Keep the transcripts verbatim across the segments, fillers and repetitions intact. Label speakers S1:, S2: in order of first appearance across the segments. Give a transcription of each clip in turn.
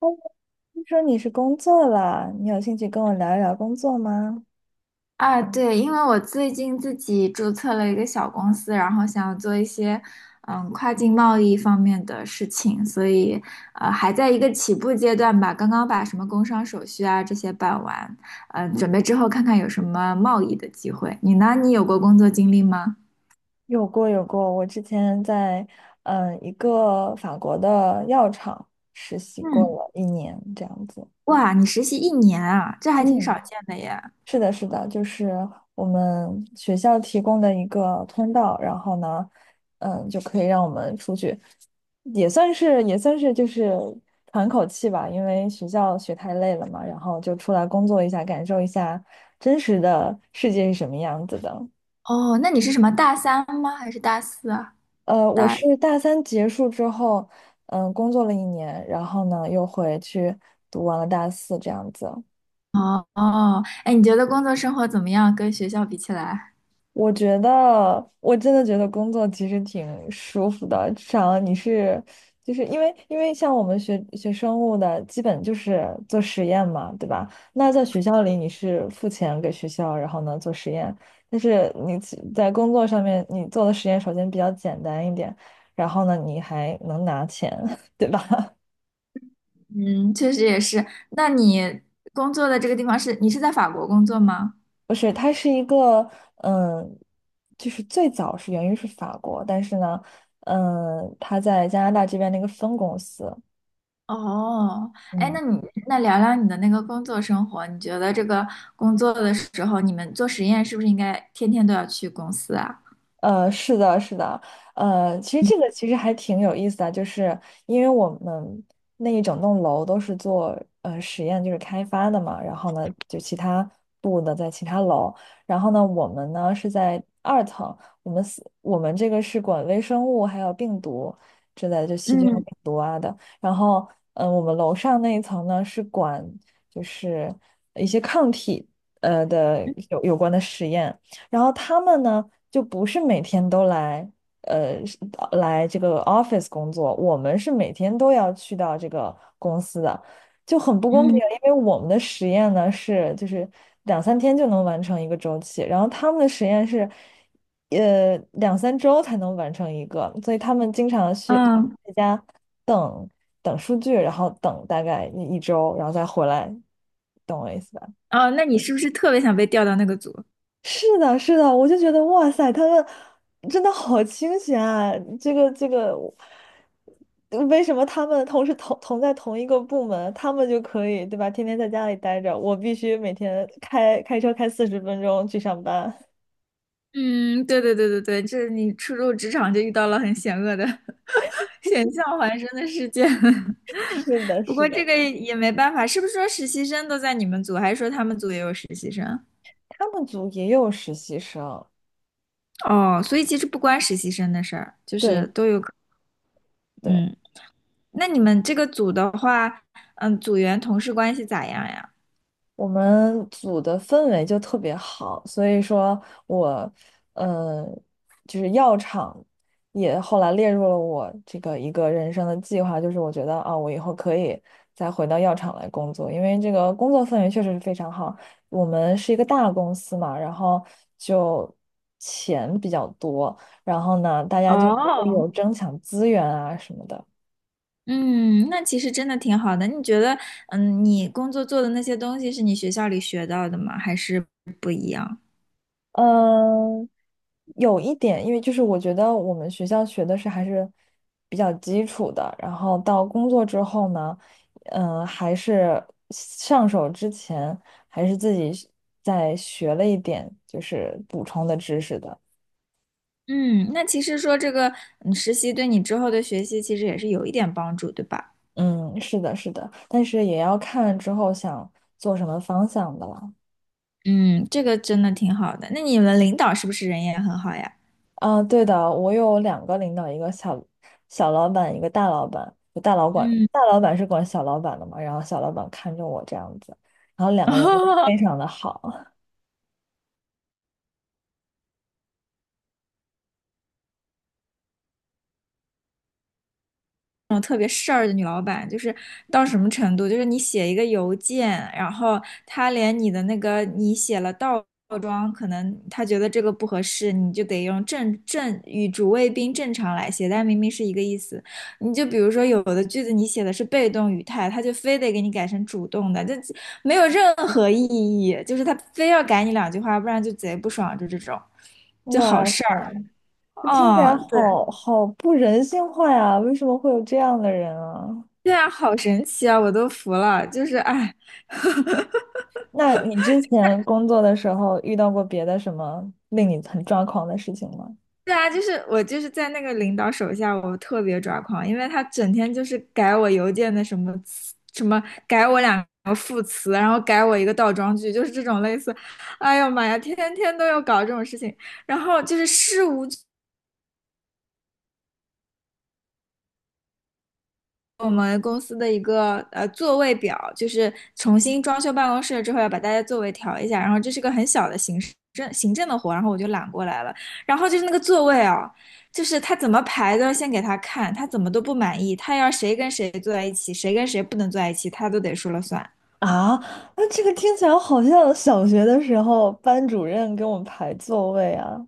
S1: 哦，听说你是工作了，你有兴趣跟我聊一聊工作吗？
S2: 啊，对，因为我最近自己注册了一个小公司，然后想要做一些嗯跨境贸易方面的事情，所以呃还在一个起步阶段吧，刚刚把什么工商手续啊这些办完，嗯、准备之后看看有什么贸易的机会。你呢？你有过工作经历吗？
S1: 有过有过，我之前在嗯一个法国的药厂实习过
S2: 嗯，
S1: 了一年，这样子。
S2: 哇，你实习一年啊，这还挺少
S1: 嗯，
S2: 见的耶。
S1: 是的，是的，就是我们学校提供的一个通道，然后呢，嗯，就可以让我们出去，也算是也算是就是喘口气吧，因为学校学太累了嘛，然后就出来工作一下，感受一下真实的世界是什么样子的。
S2: 哦，那你是什么大三吗？还是大四啊？
S1: 呃，我
S2: 大
S1: 是大三结束之后，嗯，工作了一年，然后呢又回去读完了大四这样子。
S2: 哦哦，哎，你觉得工作生活怎么样？跟学校比起来？
S1: 我觉得，我真的觉得工作其实挺舒服的，至少你是，就是因为因为像我们学学生物的，基本就是做实验嘛，对吧？那在学校里你是付钱给学校，然后呢做实验，但是你其在工作上面你做的实验首先比较简单一点，然后呢你还能拿钱，对吧？
S2: 嗯，确实也是。那你工作的这个地方是，你是在法国工作吗？
S1: 不是，它是一个，嗯，就是最早是源于是法国，但是呢，嗯，它在加拿大这边的一个分公司，
S2: 哦，哎，
S1: 嗯。
S2: 那你那聊聊你的那个工作生活，你觉得这个工作的时候，你们做实验是不是应该天天都要去公司啊？
S1: 呃，是的，是的，呃，其实这个其实还挺有意思的，就是因为我们那一整栋楼都是做呃实验，就是开发的嘛，然后呢，就其他部的在其他楼，然后呢，我们呢是在二层，我们四我们这个是管微生物还有病毒之类的，就细菌和
S2: 嗯
S1: 病毒啊的，然后嗯、呃我们楼上那一层呢是管就是一些抗体呃的有有关的实验。然后他们呢，就不是每天都来，呃，是呃来这个 office 工作，我们是每天都要去到这个公司的，就很不公平，
S2: 嗯
S1: 因为我们的实验呢是就是两三天就能完成一个周期，然后他们的实验是，呃，两三周才能完成一个，所以他们经常去
S2: 嗯，
S1: 在家等等数据，然后等大概一一周，然后再回来，懂我意思吧？
S2: 哦，那你是不是特别想被调到那个组？
S1: 是的，是的，我就觉得哇塞，他们真的好清闲啊！这个这个，嗯为什么他们同时同同在同一个部门，他们就可以，对吧？天天在家里待着，我必须每天开开车开四十分钟去上班。
S2: 嗯，对对对对对，这你初入职场就遇到了很险恶的、险象环生的事件。
S1: 是 的，
S2: 不
S1: 是
S2: 过这
S1: 的，
S2: 个也没办法，是不是说实习生都在你们组，还是说他们组也有实习生？
S1: 他们组也有实习生，
S2: 哦，所以其实不关实习生的事儿，就是
S1: 对
S2: 都有可。
S1: 对。
S2: 嗯，那你们这个组的话，嗯，组员同事关系咋样呀？
S1: 我们组的氛围就特别好，所以说我，呃，就是药厂也后来列入了我这个一个人生的计划，就是我觉得啊，我以后可以再回到药厂来工作，因为这个工作氛围确实是非常好。我们是一个大公司嘛，然后就钱比较多，然后呢，大家就不会
S2: 哦，
S1: 有争抢资源啊什么的。
S2: 嗯，那其实真的挺好的。你觉得，嗯，你工作做的那些东西是你学校里学到的吗？还是不一样？
S1: 嗯，有一点，因为就是我觉得我们学校学的是还是比较基础的，然后到工作之后呢，嗯，还是上手之前还是自己再学了一点，就是补充的知识的。
S2: 嗯，那其实说这个嗯实习对你之后的学习其实也是有一点帮助，对吧？
S1: 嗯，是的，是的，但是也要看之后想做什么方向的了。
S2: 嗯，这个真的挺好的。那你们领导是不是人也很好呀？
S1: 啊，对的，我有两个领导，一个小小老板，一个大老板。就大老管
S2: 嗯，
S1: 大老板是管小老板的嘛，然后小老板看着我这样子，然后两个人都非 常的好。
S2: 个事儿的女老板，就是到什么程度？就是你写一个邮件，然后她连你的那个你写了倒装，可能她觉得这个不合适，你就得用正正与主谓宾正常来写，但明明是一个意思。你就比如说有的句子你写的是被动语态，她就非得给你改成主动的，就没有任何意义，就是她非要改你两句话，不然就贼不爽，就这种，就好
S1: 哇塞，
S2: 事儿。
S1: 这听起来
S2: 哦，对。
S1: 好好不人性化呀！为什么会有这样的人啊？
S2: 对啊，好神奇啊，我都服了。就是哎，
S1: 那你之前工作的时候遇到过别的什么令你很抓狂的事情吗？
S2: 对啊，就是我就是在那个领导手下，我特别抓狂，因为他整天就是改我邮件的什么词什么，改我两个副词，然后改我一个倒装句，就是这种类似。哎呦妈呀，天天都要搞这种事情，然后就是事无。我们公司的一个呃座位表，就是重新装修办公室之后要把大家座位调一下，然后这是个很小的行政行政的活，然后我就揽过来了。然后就是那个座位啊，就是他怎么排都要先给他看，他怎么都不满意，他要谁跟谁坐在一起，谁跟谁不能坐在一起，他都得说了算。
S1: 啊，那这个听起来好像小学的时候班主任给我们排座位啊！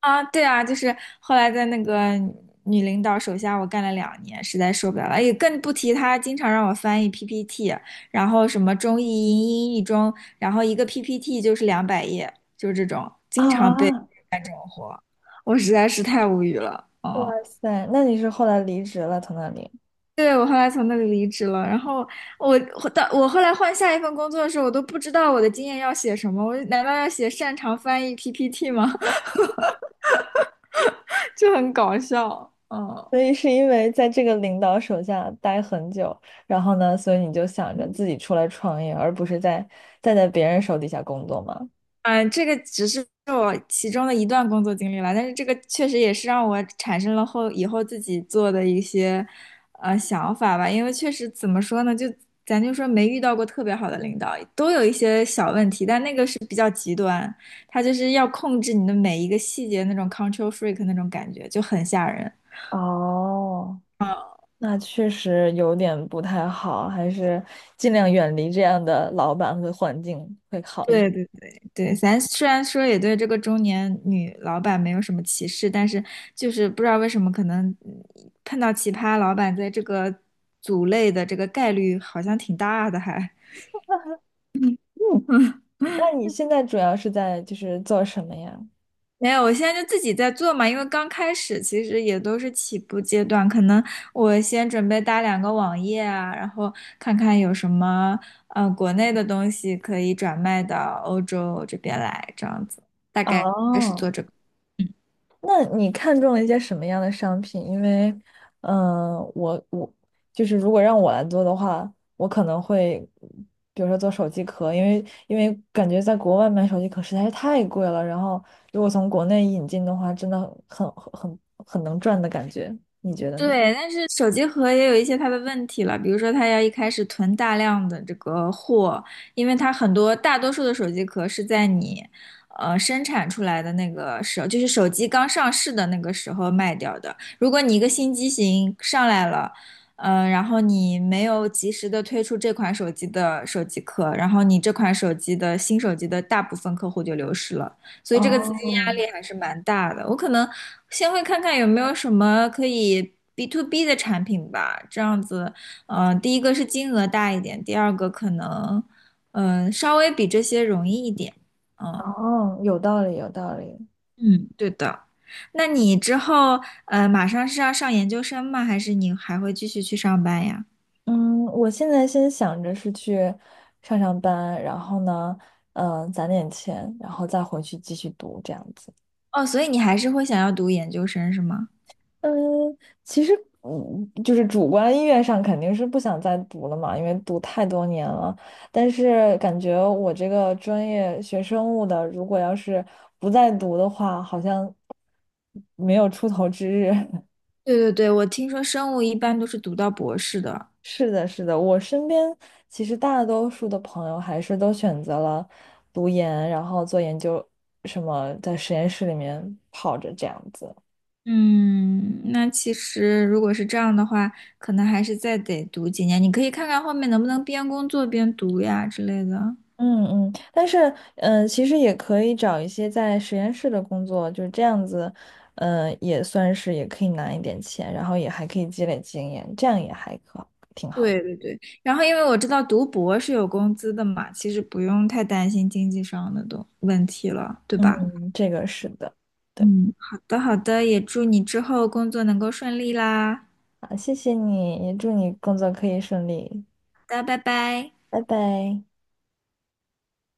S2: 啊，对啊，就是后来在那个女领导手下，我干了两年，实在受不了了。也更不提她经常让我翻译 P P T，然后什么中译英、英译中，然后一个 P P T 就是两百页，就是这种，经常被，
S1: 啊。
S2: 我实在是太无语了。
S1: 哇
S2: 哦，
S1: 塞，那你是后来离职了从那里？
S2: 对，我后来从那里离职了，然后我我到我后来换下一份工作的时候，我都不知道我的经验要写什么，我难道要写擅长翻译 P P T 吗？就很搞笑。嗯，
S1: 所以是因为在这个领导手下待很久，然后呢，所以你就想着自己出来创业，而不是在再在别人手底下工作吗？
S2: 嗯，这个只是我其中的一段工作经历了，但是这个确实也是让我产生了后以后自己做的一些呃想法吧。因为确实怎么说呢，就咱就说没遇到过特别好的领导，都有一些小问题，但那个是比较极端，他就是要控制你的每一个细节，那种 control freak 那种感觉就很吓人。
S1: 哦，那确实有点不太好，还是尽量远离这样的老板和环境会好一点。
S2: 对对对对，咱虽然说也对这个中年女老板没有什么歧视，但是就是不知道为什么，可能嗯碰到奇葩老板在这个组类的这个概率好像挺大的还。
S1: 那你现在主要是在就是做什么呀？
S2: 没有，我现在就自己在做嘛，因为刚开始其实也都是起步阶段，可能我先准备搭两个网页啊，然后看看有什么呃国内的东西可以转卖到欧洲这边来，这样子大概是做
S1: 哦，
S2: 这个。
S1: 那你看中了一些什么样的商品？因为，嗯、我我就是如果让我来做的话，我可能会，比如说做手机壳，因为因为感觉在国外买手机壳实在是太贵了，然后如果从国内引进的话，真的很很很很能赚的感觉，你觉得呢？
S2: 对，但是手机壳也有一些它的问题了，比如说它要一开始囤大量的这个货，因为它很多大多数的手机壳是在你呃生产出来的那个时候，就是手机刚上市的那个时候卖掉的。如果你一个新机型上来了，呃，然后你没有及时的推出这款手机的手机壳，然后你这款手机的新手机的大部分客户就流失了。所以这个资金压
S1: 哦，
S2: 力还是蛮大的。我可能先会看看有没有什么可以 B to B 的产品吧，这样子，嗯、第一个是金额大一点，第二个可能，嗯、稍微比这些容易一点。嗯
S1: 哦，有道理，有道理。
S2: 嗯，对的。那你之后，呃，马上是要上研究生吗？还是你还会继续去上班呀？
S1: 嗯，我现在先想着是去上上班，然后呢，嗯、攒点钱，然后再回去继续读这样子。
S2: 哦，所以你还是会想要读研究生是吗？
S1: 嗯，其实，嗯，就是主观意愿上肯定是不想再读了嘛，因为读太多年了。但是感觉我这个专业学生物的，如果要是不再读的话，好像没有出头之日。
S2: 对对对，我听说生物一般都是读到博士的。
S1: 是的，是的，我身边其实大多数的朋友还是都选择了读研，然后做研究，什么在实验室里面泡着这样子。
S2: 嗯，那其实如果是这样的话，可能还是再得读几年。你可以看看后面能不能边工作边读呀之类的。
S1: 嗯嗯，但是嗯、呃其实也可以找一些在实验室的工作，就是这样子，嗯，也算是也可以拿一点钱，然后也还可以积累经验，这样也还可挺好的。
S2: 对对对，然后因为我知道读博是有工资的嘛，其实不用太担心经济上的东问题了，对吧？
S1: 嗯，这个是的，对，
S2: 嗯，好的好的，也祝你之后工作能够顺利啦。
S1: 好，谢谢你，也祝你工作可以顺利，
S2: 好的，拜拜。
S1: 拜拜。